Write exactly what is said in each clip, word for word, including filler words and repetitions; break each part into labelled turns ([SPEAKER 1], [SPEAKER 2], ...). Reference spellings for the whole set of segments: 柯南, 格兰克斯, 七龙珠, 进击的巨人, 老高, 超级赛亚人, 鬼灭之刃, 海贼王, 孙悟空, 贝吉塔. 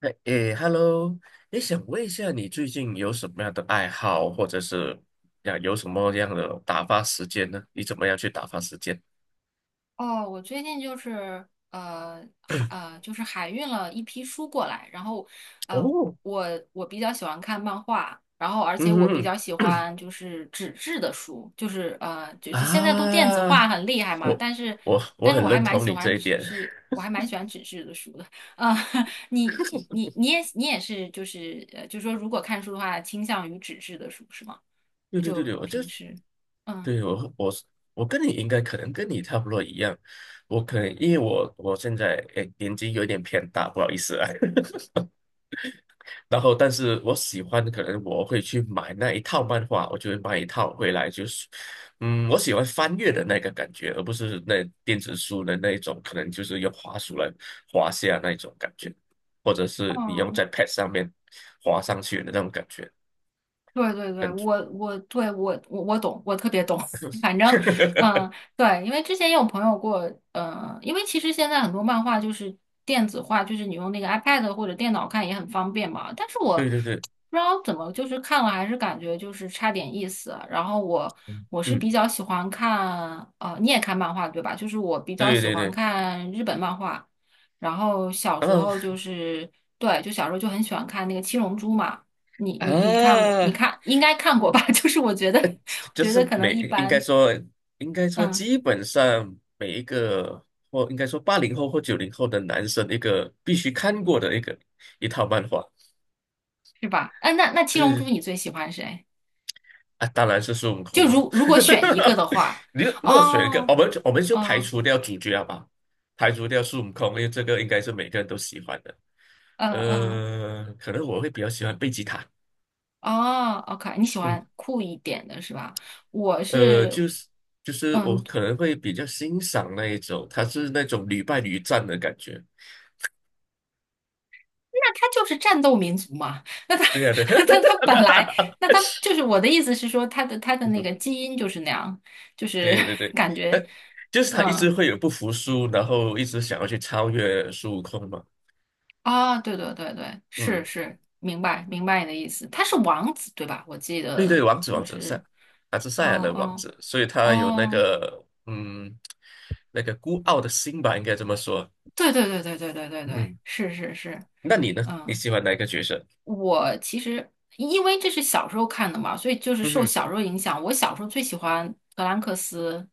[SPEAKER 1] 哎诶，Hello，你想问一下，你最近有什么样的爱好，或者是呀有什么样的打发时间呢？你怎么样去打发时间？
[SPEAKER 2] 哦，我最近就是呃海 呃就是海运了一批书过来，然后呃
[SPEAKER 1] 哦，
[SPEAKER 2] 我我比较喜欢看漫画，然后而且
[SPEAKER 1] 嗯
[SPEAKER 2] 我比较喜
[SPEAKER 1] 哼
[SPEAKER 2] 欢就是纸质的书，就是呃 就是现在都电子化
[SPEAKER 1] 啊，
[SPEAKER 2] 很厉害嘛，
[SPEAKER 1] 我
[SPEAKER 2] 但是
[SPEAKER 1] 我我
[SPEAKER 2] 但是
[SPEAKER 1] 很
[SPEAKER 2] 我还
[SPEAKER 1] 认
[SPEAKER 2] 蛮
[SPEAKER 1] 同
[SPEAKER 2] 喜
[SPEAKER 1] 你这
[SPEAKER 2] 欢
[SPEAKER 1] 一
[SPEAKER 2] 纸
[SPEAKER 1] 点。
[SPEAKER 2] 质，我还蛮喜欢纸质的书的。啊、你你你也你也是就是呃就说如果看书的话，倾向于纸质的书是吗？
[SPEAKER 1] 对对对
[SPEAKER 2] 就
[SPEAKER 1] 对，我就
[SPEAKER 2] 平时嗯。
[SPEAKER 1] 对我我我跟你应该可能跟你差不多一样，我可能因为我我现在诶年纪有点偏大，不好意思啊。然后，但是我喜欢，可能我会去买那一套漫画，我就会买一套回来，就是，嗯，我喜欢翻阅的那个感觉，而不是那电子书的那一种，可能就是用滑鼠来滑下那一种感觉，或者是你用
[SPEAKER 2] 哦
[SPEAKER 1] 在 Pad 上面滑上去的那种感觉，
[SPEAKER 2] 对对对，
[SPEAKER 1] 感觉，
[SPEAKER 2] 我我对我我我懂，我特别懂。反正，嗯，对，因为之前也有朋友过，呃，因为其实现在很多漫画就是电子化，就是你用那个 iPad 或者电脑看也很方便嘛。但是我
[SPEAKER 1] 对对对，
[SPEAKER 2] 不知道怎么，就是看了还是感觉就是差点意思。然后我我是
[SPEAKER 1] 嗯，
[SPEAKER 2] 比较喜欢看，呃，你也看漫画对吧？就是我比较
[SPEAKER 1] 对
[SPEAKER 2] 喜
[SPEAKER 1] 对
[SPEAKER 2] 欢
[SPEAKER 1] 对，
[SPEAKER 2] 看日本漫画，然后小
[SPEAKER 1] 然
[SPEAKER 2] 时
[SPEAKER 1] 后
[SPEAKER 2] 候就是对，就小时候就很喜欢看那个《七龙珠》嘛。你你你看过，你
[SPEAKER 1] 啊。
[SPEAKER 2] 看应该看过吧？就是我觉得，我
[SPEAKER 1] 就
[SPEAKER 2] 觉
[SPEAKER 1] 是
[SPEAKER 2] 得可能
[SPEAKER 1] 每
[SPEAKER 2] 一
[SPEAKER 1] 应该
[SPEAKER 2] 般，
[SPEAKER 1] 说应该说
[SPEAKER 2] 嗯，
[SPEAKER 1] 基本上每一个或应该说八零后或九零后的男生一个必须看过的一个一套漫画，
[SPEAKER 2] 是吧？嗯，那那七龙
[SPEAKER 1] 对
[SPEAKER 2] 珠你最喜欢谁？
[SPEAKER 1] 啊，当然是孙悟
[SPEAKER 2] 就
[SPEAKER 1] 空喽。
[SPEAKER 2] 如如果选一个的 话，
[SPEAKER 1] 你如果选一个，我
[SPEAKER 2] 哦，
[SPEAKER 1] 们就我们就排
[SPEAKER 2] 哦，
[SPEAKER 1] 除掉主角好不好？排除掉孙悟空，因为这个应该是每个人都喜欢的。
[SPEAKER 2] 嗯嗯，
[SPEAKER 1] 呃，可能我会比较喜欢贝吉塔，
[SPEAKER 2] 哦，OK,你喜
[SPEAKER 1] 嗯，
[SPEAKER 2] 欢酷一点的是吧？我
[SPEAKER 1] 呃，
[SPEAKER 2] 是，
[SPEAKER 1] 就是就是我
[SPEAKER 2] 嗯，
[SPEAKER 1] 可能会比较欣赏那一种，他是那种屡败屡战的感觉。
[SPEAKER 2] 那他就是战斗民族嘛。那他
[SPEAKER 1] 对呀、对，
[SPEAKER 2] 他 他本来，那他就是我的意思是说，他的他的那个基因就是那样，就是
[SPEAKER 1] 对对 对，
[SPEAKER 2] 感
[SPEAKER 1] 呃，
[SPEAKER 2] 觉，
[SPEAKER 1] 就是他一直
[SPEAKER 2] 嗯。
[SPEAKER 1] 会有不服输，然后一直想要去超越孙悟空嘛。
[SPEAKER 2] 啊，对对对对，是
[SPEAKER 1] 嗯，
[SPEAKER 2] 是，明白明白你的意思。他是王子对吧？我记
[SPEAKER 1] 对对，
[SPEAKER 2] 得
[SPEAKER 1] 王子王
[SPEAKER 2] 就
[SPEAKER 1] 子赛，
[SPEAKER 2] 是，
[SPEAKER 1] 他是
[SPEAKER 2] 哦
[SPEAKER 1] 赛亚人王
[SPEAKER 2] 哦
[SPEAKER 1] 子，所以他有那
[SPEAKER 2] 哦，
[SPEAKER 1] 个嗯，那个孤傲的心吧，应该这么说。
[SPEAKER 2] 对对对对对对对对，
[SPEAKER 1] 嗯，
[SPEAKER 2] 是是是，
[SPEAKER 1] 那你呢？你
[SPEAKER 2] 嗯。
[SPEAKER 1] 喜欢哪一个角色？
[SPEAKER 2] 我其实因为这是小时候看的嘛，所以就是
[SPEAKER 1] 嗯
[SPEAKER 2] 受
[SPEAKER 1] 哼，
[SPEAKER 2] 小时候影响。我小时候最喜欢格兰克斯，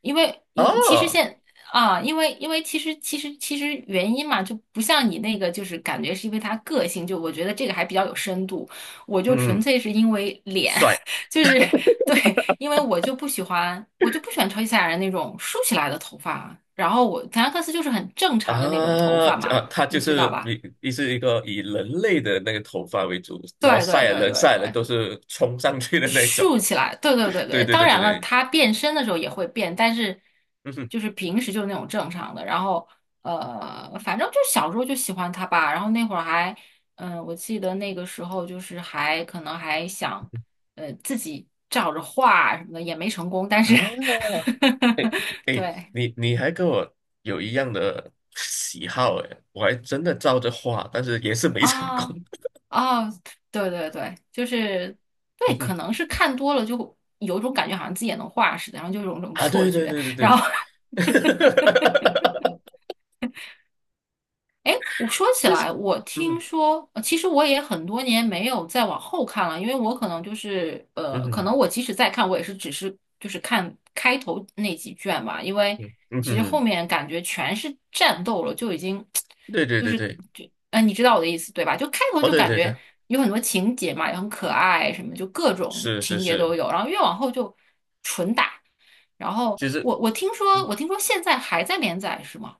[SPEAKER 2] 因为一其实
[SPEAKER 1] 哦，
[SPEAKER 2] 现啊，因为因为其实其实其实原因嘛，就不像你那个，就是感觉是因为他个性，就我觉得这个还比较有深度。我就纯
[SPEAKER 1] 嗯，
[SPEAKER 2] 粹是因为脸，
[SPEAKER 1] 帅
[SPEAKER 2] 就是对，因为我就不喜欢，我就不喜欢超级赛亚人那种竖起来的头发，然后我格兰克斯就是很正
[SPEAKER 1] 啊
[SPEAKER 2] 常的那种头发
[SPEAKER 1] 啊，
[SPEAKER 2] 嘛，
[SPEAKER 1] 他就
[SPEAKER 2] 你知道
[SPEAKER 1] 是
[SPEAKER 2] 吧？
[SPEAKER 1] 一是一个以人类的那个头发为主，然后
[SPEAKER 2] 对
[SPEAKER 1] 赛
[SPEAKER 2] 对
[SPEAKER 1] 亚
[SPEAKER 2] 对
[SPEAKER 1] 人
[SPEAKER 2] 对
[SPEAKER 1] 赛亚人
[SPEAKER 2] 对，
[SPEAKER 1] 都是冲上去的那一种。
[SPEAKER 2] 竖起来，对对对
[SPEAKER 1] 对
[SPEAKER 2] 对，
[SPEAKER 1] 对
[SPEAKER 2] 当
[SPEAKER 1] 对对
[SPEAKER 2] 然了，
[SPEAKER 1] 对，
[SPEAKER 2] 他变身的时候也会变，但是
[SPEAKER 1] 嗯哼，
[SPEAKER 2] 就是平时就是那种正常的。然后呃，反正就小时候就喜欢他吧。然后那会儿还，嗯、我记得那个时候就是还可能还想，呃，自己照着画什么的，也没成功。但是
[SPEAKER 1] 啊，哎 哎，
[SPEAKER 2] 对，
[SPEAKER 1] 你你还跟我有一样的喜好哎，我还真的照着画，但是也是没成功。
[SPEAKER 2] 啊 啊，对对对，就是
[SPEAKER 1] 嗯
[SPEAKER 2] 对，
[SPEAKER 1] 哼，
[SPEAKER 2] 可能是看多了就有种感觉，好像自己也能画似的，然后就有一种
[SPEAKER 1] 啊，
[SPEAKER 2] 错
[SPEAKER 1] 对对
[SPEAKER 2] 觉，
[SPEAKER 1] 对对
[SPEAKER 2] 然
[SPEAKER 1] 对，
[SPEAKER 2] 后 我说起
[SPEAKER 1] 就
[SPEAKER 2] 来，
[SPEAKER 1] 是
[SPEAKER 2] 我
[SPEAKER 1] 嗯
[SPEAKER 2] 听
[SPEAKER 1] 哼
[SPEAKER 2] 说，呃其实我也很多年没有再往后看了，因为我可能就是，
[SPEAKER 1] 嗯
[SPEAKER 2] 呃，可
[SPEAKER 1] 哼
[SPEAKER 2] 能我即使再看，我也是只是就是看开头那几卷吧，因为
[SPEAKER 1] 嗯嗯
[SPEAKER 2] 其实后
[SPEAKER 1] 哼，
[SPEAKER 2] 面感觉全是战斗了，就已经
[SPEAKER 1] 对 对
[SPEAKER 2] 就
[SPEAKER 1] 对
[SPEAKER 2] 是
[SPEAKER 1] 对，
[SPEAKER 2] 就，呃，你知道我的意思对吧？就开头
[SPEAKER 1] 哦
[SPEAKER 2] 就
[SPEAKER 1] 对
[SPEAKER 2] 感
[SPEAKER 1] 对对，
[SPEAKER 2] 觉有很多情节嘛，也很可爱，什么就各种
[SPEAKER 1] 是是
[SPEAKER 2] 情节
[SPEAKER 1] 是，
[SPEAKER 2] 都有，然后越往后就纯打，然后
[SPEAKER 1] 其实
[SPEAKER 2] 我我听说
[SPEAKER 1] 嗯
[SPEAKER 2] 我听说现在还在连载是吗？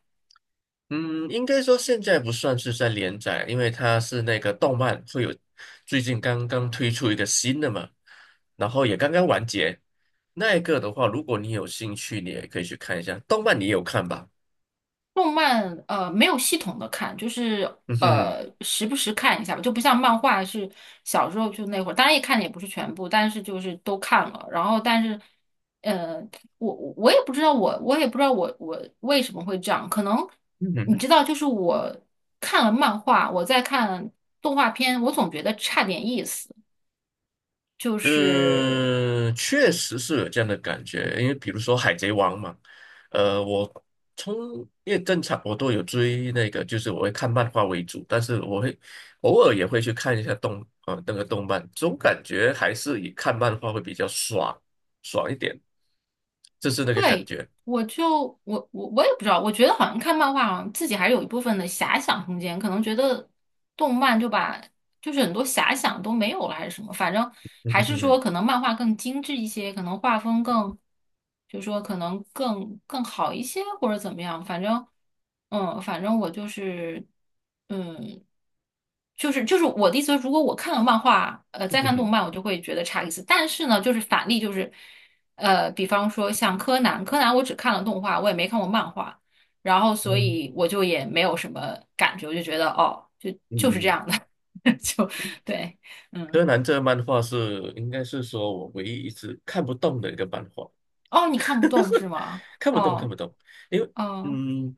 [SPEAKER 1] 嗯，应该说现在不算是在连载，因为它是那个动漫会有最近刚刚推出一个新的嘛，然后也刚刚完结。那一个的话，如果你有兴趣，你也可以去看一下。动漫你也有看吧？
[SPEAKER 2] 动漫呃没有系统的看，就是
[SPEAKER 1] 嗯哼，
[SPEAKER 2] 呃时不时看一下吧，就不像漫画是小时候就那会儿，当然也看的也不是全部，但是就是都看了。然后但是，呃，我我也不知道我我也不知道我我为什么会这样，可能
[SPEAKER 1] 嗯
[SPEAKER 2] 你
[SPEAKER 1] 哼，
[SPEAKER 2] 知道，就是我看了漫画，我在看动画片，我总觉得差点意思，就是。
[SPEAKER 1] 嗯，确实是有这样的感觉。因为比如说《海贼王》嘛，呃，我从因为正常我都有追那个，就是我会看漫画为主，但是我会偶尔也会去看一下动啊、呃、那个动漫，总感觉还是以看漫画会比较爽爽一点，就是那个感
[SPEAKER 2] 对，
[SPEAKER 1] 觉。
[SPEAKER 2] 我就我我我也不知道，我觉得好像看漫画啊，好像自己还是有一部分的遐想空间，可能觉得动漫就把就是很多遐想都没有了，还是什么，反正
[SPEAKER 1] 嗯
[SPEAKER 2] 还
[SPEAKER 1] 哼
[SPEAKER 2] 是
[SPEAKER 1] 哼
[SPEAKER 2] 说可能漫画更精致一些，可能画风更，就说可能更更好一些或者怎么样，反正嗯，反正我就是嗯。就是就是我的意思是，如果我看了漫画，呃，
[SPEAKER 1] 哼，
[SPEAKER 2] 再
[SPEAKER 1] 嗯
[SPEAKER 2] 看动
[SPEAKER 1] 哼
[SPEAKER 2] 漫，我就会觉得差一次。但是呢，就是反例，就是呃，比方说像柯南，柯南我只看了动画，我也没看过漫画，然后所以
[SPEAKER 1] 哼
[SPEAKER 2] 我就也没有什么感觉，我就觉得哦，就就是这
[SPEAKER 1] 嗯。
[SPEAKER 2] 样的，就对，
[SPEAKER 1] 柯
[SPEAKER 2] 嗯，
[SPEAKER 1] 南这个漫画是应该是说我唯一一直看不懂的一个漫画。
[SPEAKER 2] 哦，你看不懂 是吗？
[SPEAKER 1] 看不懂，看
[SPEAKER 2] 哦，
[SPEAKER 1] 不懂，因为
[SPEAKER 2] 哦，
[SPEAKER 1] 嗯，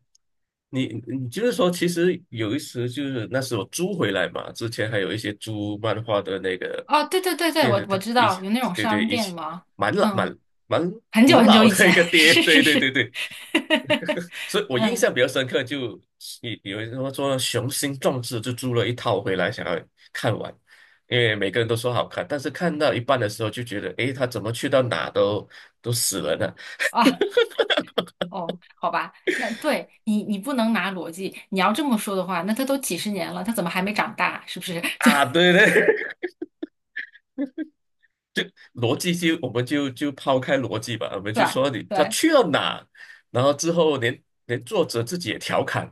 [SPEAKER 1] 你你就是说，其实有一时就是那时候租回来嘛，之前还有一些租漫画的那个
[SPEAKER 2] 哦，对对对对，
[SPEAKER 1] 电
[SPEAKER 2] 我
[SPEAKER 1] 视
[SPEAKER 2] 我
[SPEAKER 1] 的
[SPEAKER 2] 知
[SPEAKER 1] 一起，
[SPEAKER 2] 道有那种
[SPEAKER 1] 对对，
[SPEAKER 2] 商
[SPEAKER 1] 一
[SPEAKER 2] 店
[SPEAKER 1] 起
[SPEAKER 2] 吗？
[SPEAKER 1] 蛮老
[SPEAKER 2] 嗯，
[SPEAKER 1] 蛮蛮
[SPEAKER 2] 很久
[SPEAKER 1] 古
[SPEAKER 2] 很久
[SPEAKER 1] 老
[SPEAKER 2] 以
[SPEAKER 1] 的
[SPEAKER 2] 前，
[SPEAKER 1] 一个 爹，
[SPEAKER 2] 是
[SPEAKER 1] 对
[SPEAKER 2] 是
[SPEAKER 1] 对对
[SPEAKER 2] 是，
[SPEAKER 1] 对，所以我印象比较深刻就，有有人说说雄心壮志就租了一套回来，想要看完，因为每个人都说好看，但是看到一半的时候就觉得，诶，他怎么去到哪都都死人了呢？
[SPEAKER 2] 啊，哦，好吧，那对你你不能拿逻辑，你要这么说的话，那他都几十年了，他怎么还没长大？是不是？就
[SPEAKER 1] 啊，对对，逻辑就我们就就抛开逻辑吧，我们就
[SPEAKER 2] 对
[SPEAKER 1] 说你他
[SPEAKER 2] 对。
[SPEAKER 1] 去了哪，然后之后连连作者自己也调侃，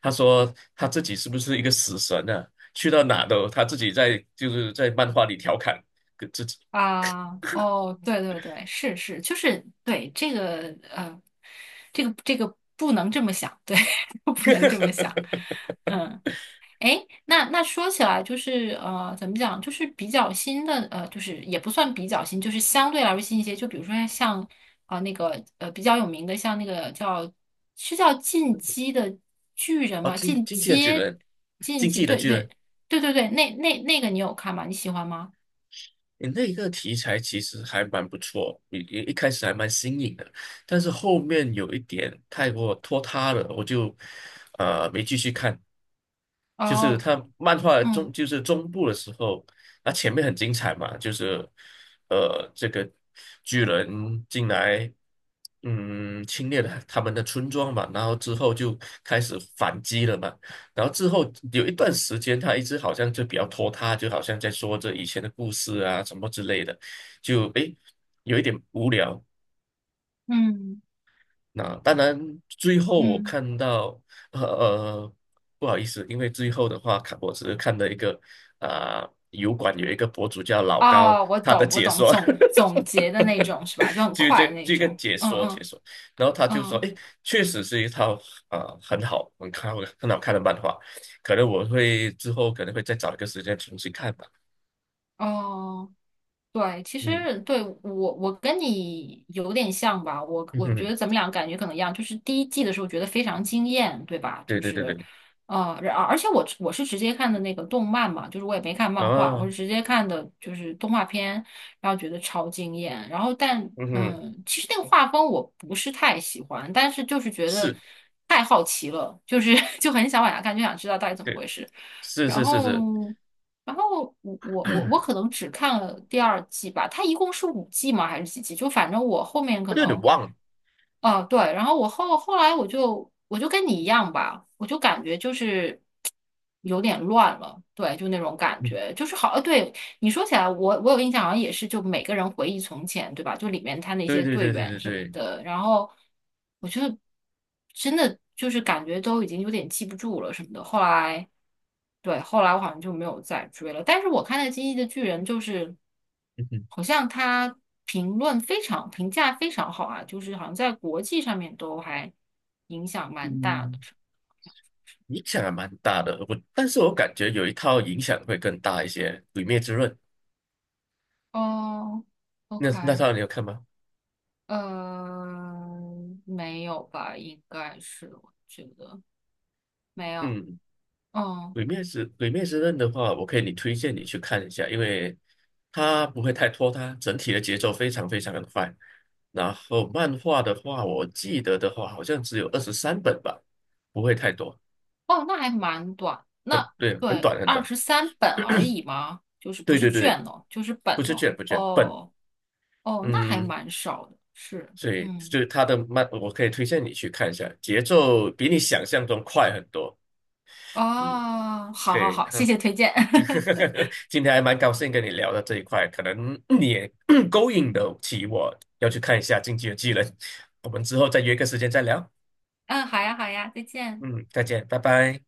[SPEAKER 1] 他说他自己是不是一个死神啊？去到哪都他自己在就是在漫画里调侃跟自己。
[SPEAKER 2] 啊，哦，对对对，是是，就是对这个呃，这个这个不能这么想，对，不能这么想，嗯，哎，那那说起来就是呃，怎么讲，就是比较新的呃，就是也不算比较新，就是相对来说新一些，就比如说像啊、呃那个呃比较有名的，像那个叫是叫进击的巨人
[SPEAKER 1] 哦，
[SPEAKER 2] 吗？
[SPEAKER 1] 进
[SPEAKER 2] 进
[SPEAKER 1] 进击的巨
[SPEAKER 2] 阶
[SPEAKER 1] 人，
[SPEAKER 2] 进
[SPEAKER 1] 进
[SPEAKER 2] 击，
[SPEAKER 1] 击的
[SPEAKER 2] 对
[SPEAKER 1] 巨
[SPEAKER 2] 对
[SPEAKER 1] 人
[SPEAKER 2] 对对对，那那那个你有看吗？你喜欢吗？
[SPEAKER 1] 你那一个题材其实还蛮不错，一一一开始还蛮新颖的，但是后面有一点太过拖沓了，我就呃没继续看。就是
[SPEAKER 2] 哦，
[SPEAKER 1] 他漫画中
[SPEAKER 2] 嗯。
[SPEAKER 1] 就是中部的时候，那前面很精彩嘛，就是呃这个巨人进来，嗯侵略了他们的村庄嘛，然后之后就开始反击了嘛，然后之后有一段时间，他一直好像就比较拖沓，就好像在说着以前的故事啊什么之类的，就诶有一点无聊。
[SPEAKER 2] 嗯
[SPEAKER 1] 那当然，最后我
[SPEAKER 2] 嗯，
[SPEAKER 1] 看到，呃呃不好意思，因为最后的话，看我只是看了一个啊、油管有一个博主叫老高，
[SPEAKER 2] 哦，我
[SPEAKER 1] 他的
[SPEAKER 2] 懂，我
[SPEAKER 1] 解
[SPEAKER 2] 懂，
[SPEAKER 1] 说，
[SPEAKER 2] 总总结的那种是吧？就 很
[SPEAKER 1] 就
[SPEAKER 2] 快的
[SPEAKER 1] 这
[SPEAKER 2] 那
[SPEAKER 1] 这个
[SPEAKER 2] 种。
[SPEAKER 1] 解
[SPEAKER 2] 嗯
[SPEAKER 1] 说解
[SPEAKER 2] 嗯
[SPEAKER 1] 说，然后他就说，
[SPEAKER 2] 嗯，
[SPEAKER 1] 哎，确实是一套啊、呃很好，很看很好看的漫画，可能我会之后可能会再找一个时间重新看吧。
[SPEAKER 2] 哦。对，其
[SPEAKER 1] 嗯
[SPEAKER 2] 实对我我跟你有点像吧，我
[SPEAKER 1] 嗯
[SPEAKER 2] 我觉
[SPEAKER 1] 哼，
[SPEAKER 2] 得咱们俩感觉可能一样，就是第一季的时候觉得非常惊艳，对吧？
[SPEAKER 1] 对
[SPEAKER 2] 就
[SPEAKER 1] 对对
[SPEAKER 2] 是，
[SPEAKER 1] 对，
[SPEAKER 2] 呃，然而且我我是直接看的那个动漫嘛，就是我也没看漫画，我
[SPEAKER 1] 啊，
[SPEAKER 2] 是直接看的就是动画片，然后觉得超惊艳。然后但
[SPEAKER 1] 嗯哼，
[SPEAKER 2] 嗯，其实那个画风我不是太喜欢，但是就是觉得
[SPEAKER 1] 是，
[SPEAKER 2] 太好奇了，就是 就很想往下看，就想知道到底怎么
[SPEAKER 1] 对，
[SPEAKER 2] 回事。
[SPEAKER 1] 是
[SPEAKER 2] 然
[SPEAKER 1] 是是
[SPEAKER 2] 后，
[SPEAKER 1] 是，
[SPEAKER 2] 然后我我我我可 能只看了第二季吧，它一共是五季吗？还是几季？就反正我后面
[SPEAKER 1] 我
[SPEAKER 2] 可
[SPEAKER 1] 有点
[SPEAKER 2] 能
[SPEAKER 1] 忘了。
[SPEAKER 2] 啊，对，然后我后后来我就我就跟你一样吧，我就感觉就是有点乱了，对，就那种感
[SPEAKER 1] 嗯
[SPEAKER 2] 觉，就是好，呃，对，你说起来，我我有印象，好像也是，就每个人回忆从前，对吧？就里面他那
[SPEAKER 1] 对
[SPEAKER 2] 些
[SPEAKER 1] 对
[SPEAKER 2] 队
[SPEAKER 1] 对对
[SPEAKER 2] 员
[SPEAKER 1] 对
[SPEAKER 2] 什么
[SPEAKER 1] 对，
[SPEAKER 2] 的，然后我觉得真的就是感觉都已经有点记不住了什么的。后来，对，后来我好像就没有再追了，但是我看那《进击的巨人》就是。
[SPEAKER 1] 嗯哼，
[SPEAKER 2] 好像他评论非常评价非常好啊，就是好像在国际上面都还影响蛮大
[SPEAKER 1] 嗯，
[SPEAKER 2] 的。
[SPEAKER 1] 影响还蛮大的。我但是我感觉有一套影响会更大一些，《鬼灭之刃》
[SPEAKER 2] 哦
[SPEAKER 1] 那那
[SPEAKER 2] ，OK,
[SPEAKER 1] 套你有看吗？
[SPEAKER 2] 呃，没有吧？应该是，我觉得没有。
[SPEAKER 1] 嗯，
[SPEAKER 2] 嗯，
[SPEAKER 1] 《鬼灭之鬼灭之刃》的话，我可以你推荐你去看一下，因为它不会太拖沓，整体的节奏非常非常的快。然后漫画的话，我记得的话好像只有二十三本吧，不会太多，
[SPEAKER 2] 哦，那还蛮短。那
[SPEAKER 1] 很对，很
[SPEAKER 2] 对，
[SPEAKER 1] 短很
[SPEAKER 2] 二
[SPEAKER 1] 短。
[SPEAKER 2] 十三本而已嘛，就是不
[SPEAKER 1] 对
[SPEAKER 2] 是
[SPEAKER 1] 对对，
[SPEAKER 2] 卷哦，就是本
[SPEAKER 1] 不是
[SPEAKER 2] 哦。
[SPEAKER 1] 卷不卷，本。
[SPEAKER 2] 哦哦，那还
[SPEAKER 1] 嗯，
[SPEAKER 2] 蛮少的。是，
[SPEAKER 1] 所以就
[SPEAKER 2] 嗯，
[SPEAKER 1] 是他的慢，我可以推荐你去看一下，节奏比你想象中快很多。嗯，
[SPEAKER 2] 哦，好
[SPEAKER 1] 可
[SPEAKER 2] 好
[SPEAKER 1] 以，
[SPEAKER 2] 好，谢
[SPEAKER 1] 哈，
[SPEAKER 2] 谢推荐。
[SPEAKER 1] 今天还蛮高兴跟你聊到这一块，可能你也 勾引得起我要去看一下《进击的技能。我们之后再约个时间再聊。
[SPEAKER 2] 嗯，好呀，好呀，再见。
[SPEAKER 1] 嗯，再见，拜拜。